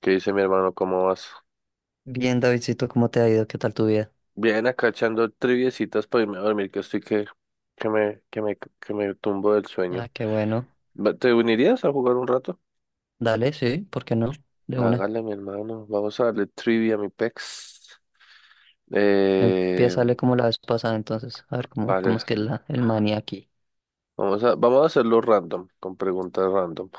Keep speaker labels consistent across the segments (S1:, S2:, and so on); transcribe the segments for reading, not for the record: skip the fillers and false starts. S1: ¿Qué dice mi hermano? ¿Cómo vas?
S2: Bien, Davidcito, ¿cómo te ha ido? ¿Qué tal tu vida?
S1: Bien, acá echando triviecitas para irme a dormir, que estoy que, que me tumbo del sueño.
S2: Ah, qué bueno.
S1: ¿Te unirías a jugar un rato?
S2: Dale, sí, ¿por qué no? De una.
S1: Hágale, mi hermano. Vamos a darle trivia a mi pex. Eh,
S2: Empiézale como la vez pasada, entonces. A ver cómo
S1: vale,
S2: es que el maní aquí
S1: vamos a hacerlo random, con preguntas random.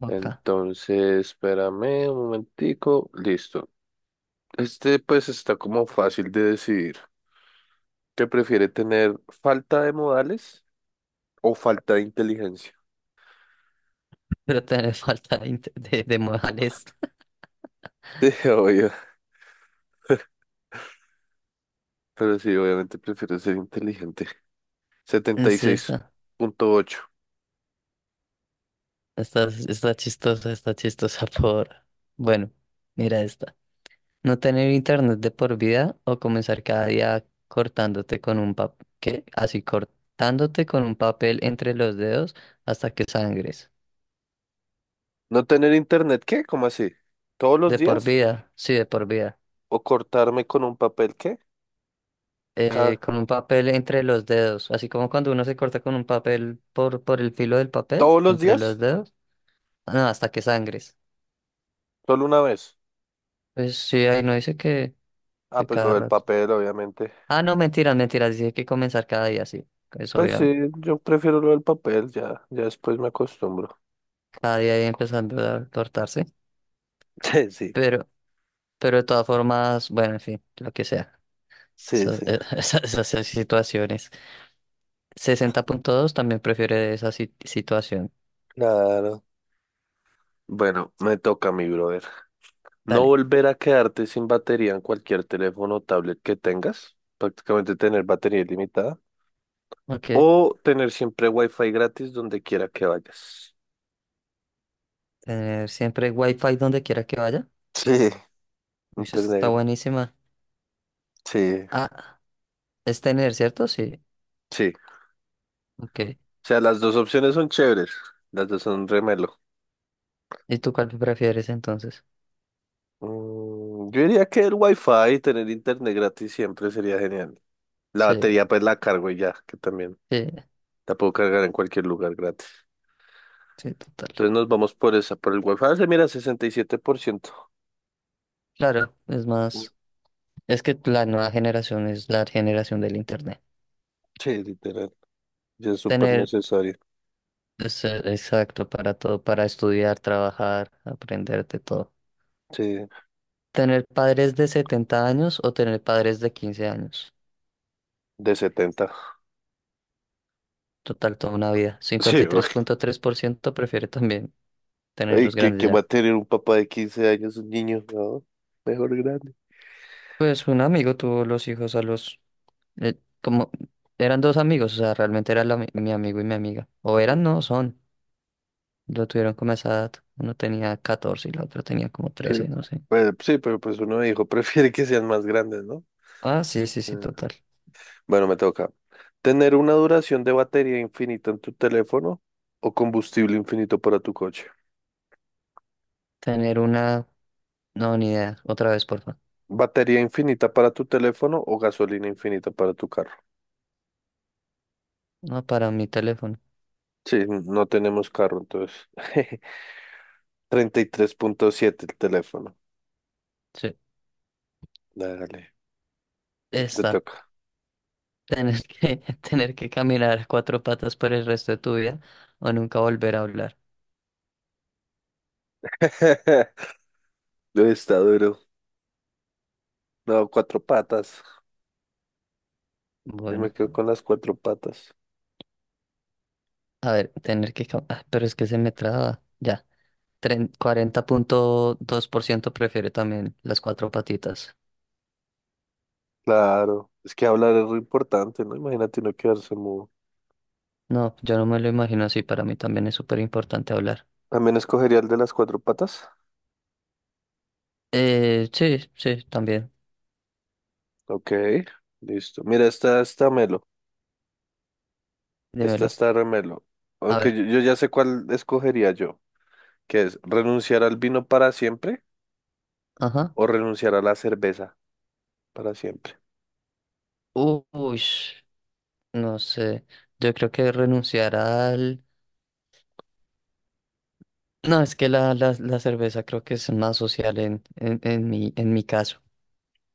S2: o acá.
S1: Entonces, espérame un momentico. Listo. Este pues está como fácil de decidir. ¿Qué prefiere tener falta de modales o falta de inteligencia?
S2: Pero te falta de modales.
S1: Sí, obvio. Pero sí, obviamente prefiero ser inteligente. setenta y
S2: Sí,
S1: seis
S2: está.
S1: punto ocho
S2: Está chistosa, está chistosa por. Bueno, mira esta. No tener internet de por vida o comenzar cada día cortándote con un papel. ¿Qué? Así, cortándote con un papel entre los dedos hasta que sangres.
S1: ¿No tener internet qué? ¿Cómo así? ¿Todos los
S2: De por
S1: días?
S2: vida, sí, de por vida.
S1: ¿O cortarme con un papel qué? Ca-
S2: Con un papel entre los dedos, así como cuando uno se corta con un papel por el filo del papel,
S1: ¿Todos los
S2: entre los
S1: días?
S2: dedos. Ah, no, hasta que sangres.
S1: ¿Solo una vez?
S2: Pues sí, ahí no dice que,
S1: Ah,
S2: que
S1: pues lo
S2: cada
S1: del
S2: rato.
S1: papel, obviamente.
S2: Ah, no, mentiras, mentiras, dice que comenzar cada día, sí. Eso
S1: Pues sí,
S2: obviamente,
S1: yo prefiero lo del papel, ya, ya después me acostumbro.
S2: cada día ahí empezando a cortarse.
S1: Sí, sí,
S2: Pero, pero de todas formas, bueno, en fin, lo que sea.
S1: sí, sí.
S2: Esas situaciones. 60.2 también prefiere esa situación.
S1: Claro. Bueno, me toca, mi brother. No
S2: Dale.
S1: volver a quedarte sin batería en cualquier teléfono o tablet que tengas. Prácticamente tener batería ilimitada.
S2: Ok.
S1: O tener siempre wifi gratis donde quiera que vayas.
S2: Tener siempre wifi donde quiera que vaya.
S1: Sí,
S2: Uy, esta
S1: Internet.
S2: está
S1: gra-
S2: buenísima.
S1: sí.
S2: Ah, es tener, ¿cierto? Sí.
S1: Sí.
S2: Ok.
S1: O sea, las dos opciones son chéveres. Las dos son remelo.
S2: ¿Y tú cuál prefieres entonces?
S1: Mm, yo diría que el wifi y tener internet gratis siempre sería genial. La
S2: Sí,
S1: batería pues la cargo y ya, que también
S2: sí,
S1: la puedo cargar en cualquier lugar gratis.
S2: sí, total.
S1: Entonces nos vamos por esa, por el wifi. Se mira 67%.
S2: Claro, es
S1: Mm,
S2: más. Es que la nueva generación es la generación del internet.
S1: Sí, literal. Ya es súper
S2: Tener,
S1: necesario.
S2: exacto, para todo, para estudiar, trabajar, aprender de todo.
S1: Sí,
S2: Tener padres de 70 años o tener padres de 15 años.
S1: de 70.
S2: Total, toda una vida. Cincuenta
S1: Sí,
S2: y tres punto tres por ciento prefiere también tener
S1: ay,
S2: los grandes
S1: que va a
S2: ya.
S1: tener un papá de 15 años, un niño, ¿no? Mejor grande.
S2: Pues un amigo tuvo los hijos a los, como eran dos amigos, o sea, realmente era la mi mi amigo y mi amiga. O eran, no, son. Lo tuvieron como a esa edad. Uno tenía 14 y la otra tenía como
S1: Sí,
S2: 13, no sé.
S1: pues, sí, pero pues uno dijo, prefiere que sean más grandes, ¿no?
S2: Ah, sí, sí, sí,
S1: Ah.
S2: total.
S1: Bueno, me toca. ¿Tener una duración de batería infinita en tu teléfono o combustible infinito para tu coche?
S2: Tener una... No, ni idea. Otra vez, porfa.
S1: ¿Batería infinita para tu teléfono o gasolina infinita para tu carro?
S2: No, para mi teléfono.
S1: Sí, no tenemos carro, entonces. 33.7 el teléfono.
S2: Sí,
S1: Dale, te
S2: está.
S1: toca.
S2: Tener que, tener que caminar a cuatro patas por el resto de tu vida o nunca volver a hablar.
S1: Lo Está duro. No, cuatro patas. Yo me
S2: Bueno,
S1: quedo con las cuatro patas.
S2: a ver, Ah, pero es que se me traba. Ya. 40.2% prefiere también las cuatro patitas.
S1: Claro, es que hablar es muy importante, ¿no? Imagínate uno quedarse mudo.
S2: No, yo no me lo imagino así. Para mí también es súper importante hablar.
S1: También escogería el de las cuatro patas.
S2: Sí, sí, también.
S1: Ok, listo. Mira, esta está melo. Esta
S2: Dímelo.
S1: está remelo.
S2: A
S1: Aunque
S2: ver.
S1: yo ya sé cuál escogería yo, que es renunciar al vino para siempre
S2: Ajá.
S1: o renunciar a la cerveza para siempre.
S2: Uy, no sé. Yo creo que renunciar al... No, es que la cerveza creo que es más social en mi caso.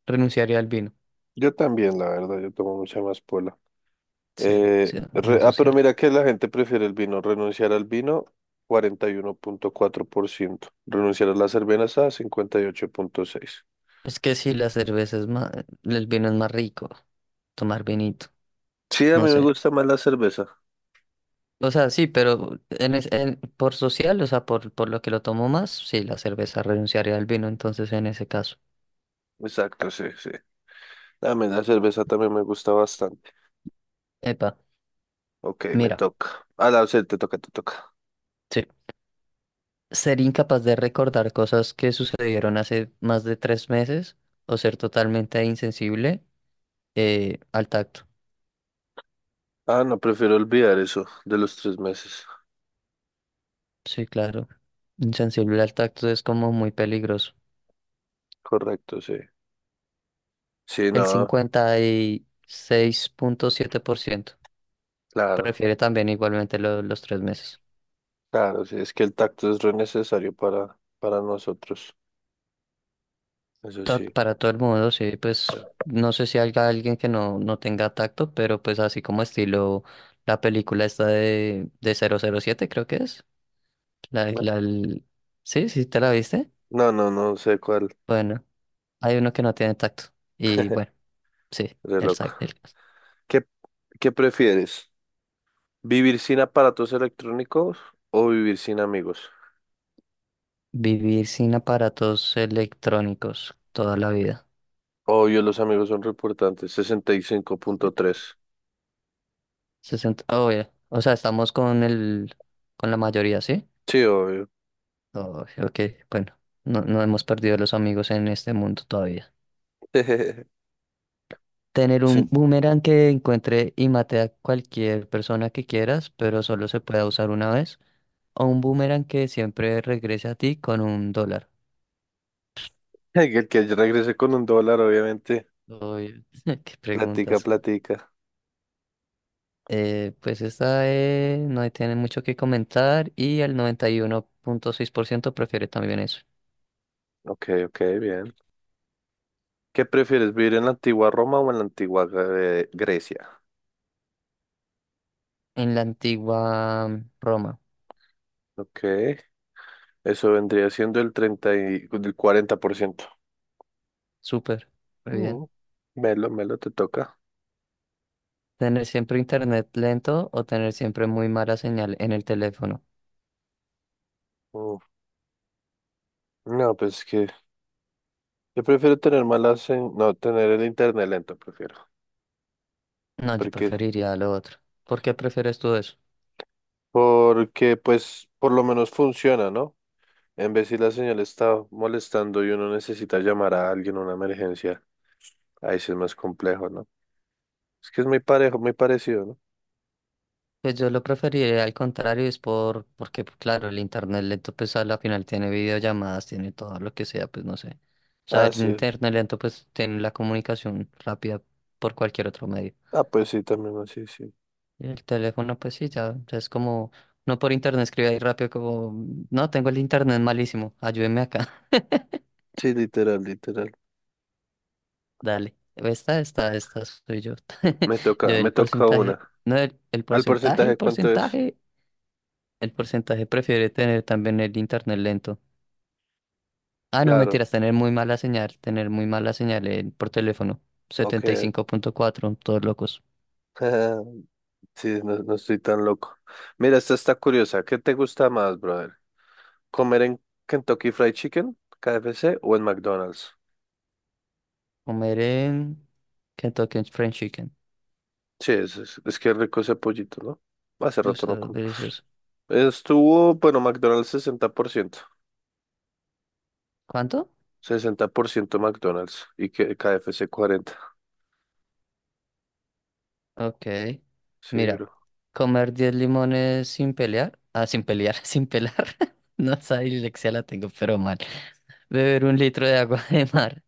S2: Renunciaría al vino.
S1: Yo también, la verdad, yo tomo mucha más pola.
S2: Sí, sí, más
S1: Pero
S2: social.
S1: mira que la gente prefiere el vino. Renunciar al vino, 41.4%. Renunciar a la cerveza, 58.6%.
S2: Es que sí, la cerveza es más. El vino es más rico. Tomar vinito.
S1: Sí, a
S2: No
S1: mí me
S2: sé.
S1: gusta más la cerveza.
S2: O sea, sí, pero por social, o sea, por lo que lo tomo más, sí, la cerveza renunciaría al vino, entonces en ese caso.
S1: Exacto, sí, sí. A mí la cerveza también me gusta bastante.
S2: Epa,
S1: Ok, me
S2: mira,
S1: toca. Ah, la, sí, te toca, te toca.
S2: sí. Ser incapaz de recordar cosas que sucedieron hace más de tres meses o ser totalmente insensible al tacto.
S1: Ah, no, prefiero olvidar eso de los 3 meses.
S2: Sí, claro. Insensible al tacto es como muy peligroso.
S1: Correcto, sí. Sí,
S2: El
S1: no,
S2: 56.7%
S1: claro,
S2: prefiere también igualmente los tres meses.
S1: claro, sí. Es que el tacto es re necesario para nosotros. Eso sí.
S2: Para todo el mundo, sí,
S1: O sea,
S2: pues no sé si haya alguien que no tenga tacto, pero pues así como estilo la película esta de 007 creo que es. La, la, el- Sí, sí, ¿te la viste?
S1: no, no sé cuál.
S2: Bueno, hay uno que no tiene tacto. Y bueno, sí,
S1: Re
S2: él
S1: loco.
S2: sabe.
S1: ¿Qué, qué prefieres? ¿Vivir sin aparatos electrónicos o vivir sin amigos?
S2: Vivir sin aparatos electrónicos toda la vida.
S1: Obvio, los amigos son re importantes. 65.3.
S2: Sesenta obvio. O sea, estamos con la mayoría, ¿sí?
S1: Sí, obvio.
S2: Oh, ok, bueno, no, no hemos perdido los amigos en este mundo todavía. Tener
S1: Sí.
S2: un boomerang que encuentre y mate a cualquier persona que quieras, pero solo se pueda usar una vez. O un boomerang que siempre regrese a ti con un dólar.
S1: El que regrese con un dólar, obviamente.
S2: Uy, qué
S1: Platica,
S2: preguntas.
S1: platica.
S2: Pues esta, no tiene mucho que comentar y el 91.6% prefiere también eso.
S1: Ok, ok, bien. ¿Qué prefieres, vivir en la antigua Roma o en la antigua Grecia?
S2: En la antigua Roma.
S1: Ok, eso vendría siendo el 30 y, el 40%.
S2: Súper, muy bien.
S1: Mm, melo, melo, te toca.
S2: Tener siempre internet lento o tener siempre muy mala señal en el teléfono.
S1: Mm, no, pues que yo prefiero tener malas, no, tener el internet lento, prefiero.
S2: No, yo
S1: Porque,
S2: preferiría lo otro. ¿Por qué prefieres tú eso?
S1: porque pues por lo menos funciona, ¿no? En vez si la señal está molestando y uno necesita llamar a alguien una emergencia, ahí sí es más complejo, ¿no? Es que es muy parejo, muy parecido, ¿no?
S2: Pues yo lo preferiría al contrario, es porque pues, claro, el internet lento pues a la final tiene videollamadas, tiene todo lo que sea, pues no sé. O sea,
S1: Ah,
S2: el
S1: sí. Es.
S2: internet lento pues tiene la comunicación rápida por cualquier otro medio.
S1: Ah, pues sí, también así, sí.
S2: Y el teléfono pues sí, ya, ya es como, no por internet escribe ahí rápido como, no, tengo el internet malísimo, ayúdeme acá,
S1: Sí, literal, literal.
S2: dale. Esta soy yo. Yo
S1: Me
S2: el
S1: toca
S2: porcentaje,
S1: una.
S2: no, el, el
S1: ¿Al
S2: porcentaje, el
S1: porcentaje cuánto es?
S2: porcentaje, el porcentaje prefiere tener también el internet lento. Ah, no,
S1: Claro,
S2: mentiras, tener muy mala señal, tener muy mala señal por teléfono.
S1: ok.
S2: 75.4, todos locos.
S1: Sí, no, no estoy tan loco. Mira, esta está curiosa. ¿Qué te gusta más, brother? ¿Comer en Kentucky Fried Chicken, KFC o en McDonald's?
S2: Comer en Kentucky Fried Chicken.
S1: Sí, es que rico ese pollito, ¿no? Hace rato no
S2: Gusto
S1: como.
S2: delicioso.
S1: Estuvo, bueno, McDonald's 60%,
S2: ¿Cuánto?
S1: 60% McDonald's y que KFC 40.
S2: Ok.
S1: Sí,
S2: Mira,
S1: bro.
S2: comer 10 limones sin pelear. Ah, sin pelear, sin pelar. No, esa dislexia la tengo, pero mal. Beber un litro de agua de mar.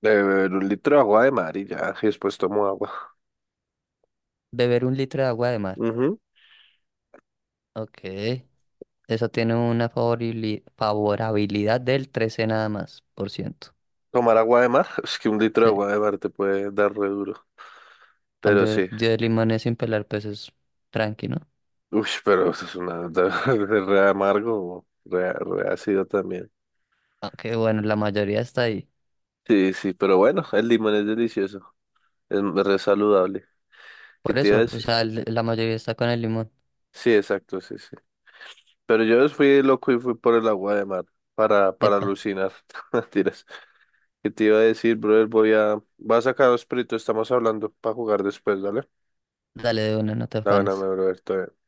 S1: Beber un litro de agua de mar y ya, y después tomo agua.
S2: Beber un litro de agua de mar.
S1: Ujú.
S2: Ok. Eso tiene una favorabilidad del 13 nada más, por ciento.
S1: Tomar agua de mar, es que un litro de
S2: Sí.
S1: agua de mar te puede dar re duro. Pero
S2: Cambio
S1: sí.
S2: yo de limones sin pelar, pues es tranqui, ¿no?
S1: Uy, pero eso es una re amargo, re ácido también.
S2: Aunque bueno, la mayoría está ahí.
S1: Sí, sí, pero bueno, el limón es delicioso. Es re saludable. ¿Qué
S2: Por
S1: te iba a
S2: eso, o
S1: decir?
S2: sea, la mayoría está con el limón.
S1: Sí, exacto, sí, sí. Pero yo fui loco y fui por el agua de mar para
S2: Epa,
S1: alucinar. Mentiras. ¿Qué te iba a decir, brother? Voy a sacar los peritos, estamos hablando para jugar después, ¿vale?
S2: dale de una, no te
S1: La buena, mi
S2: afanes.
S1: brother, todo bien.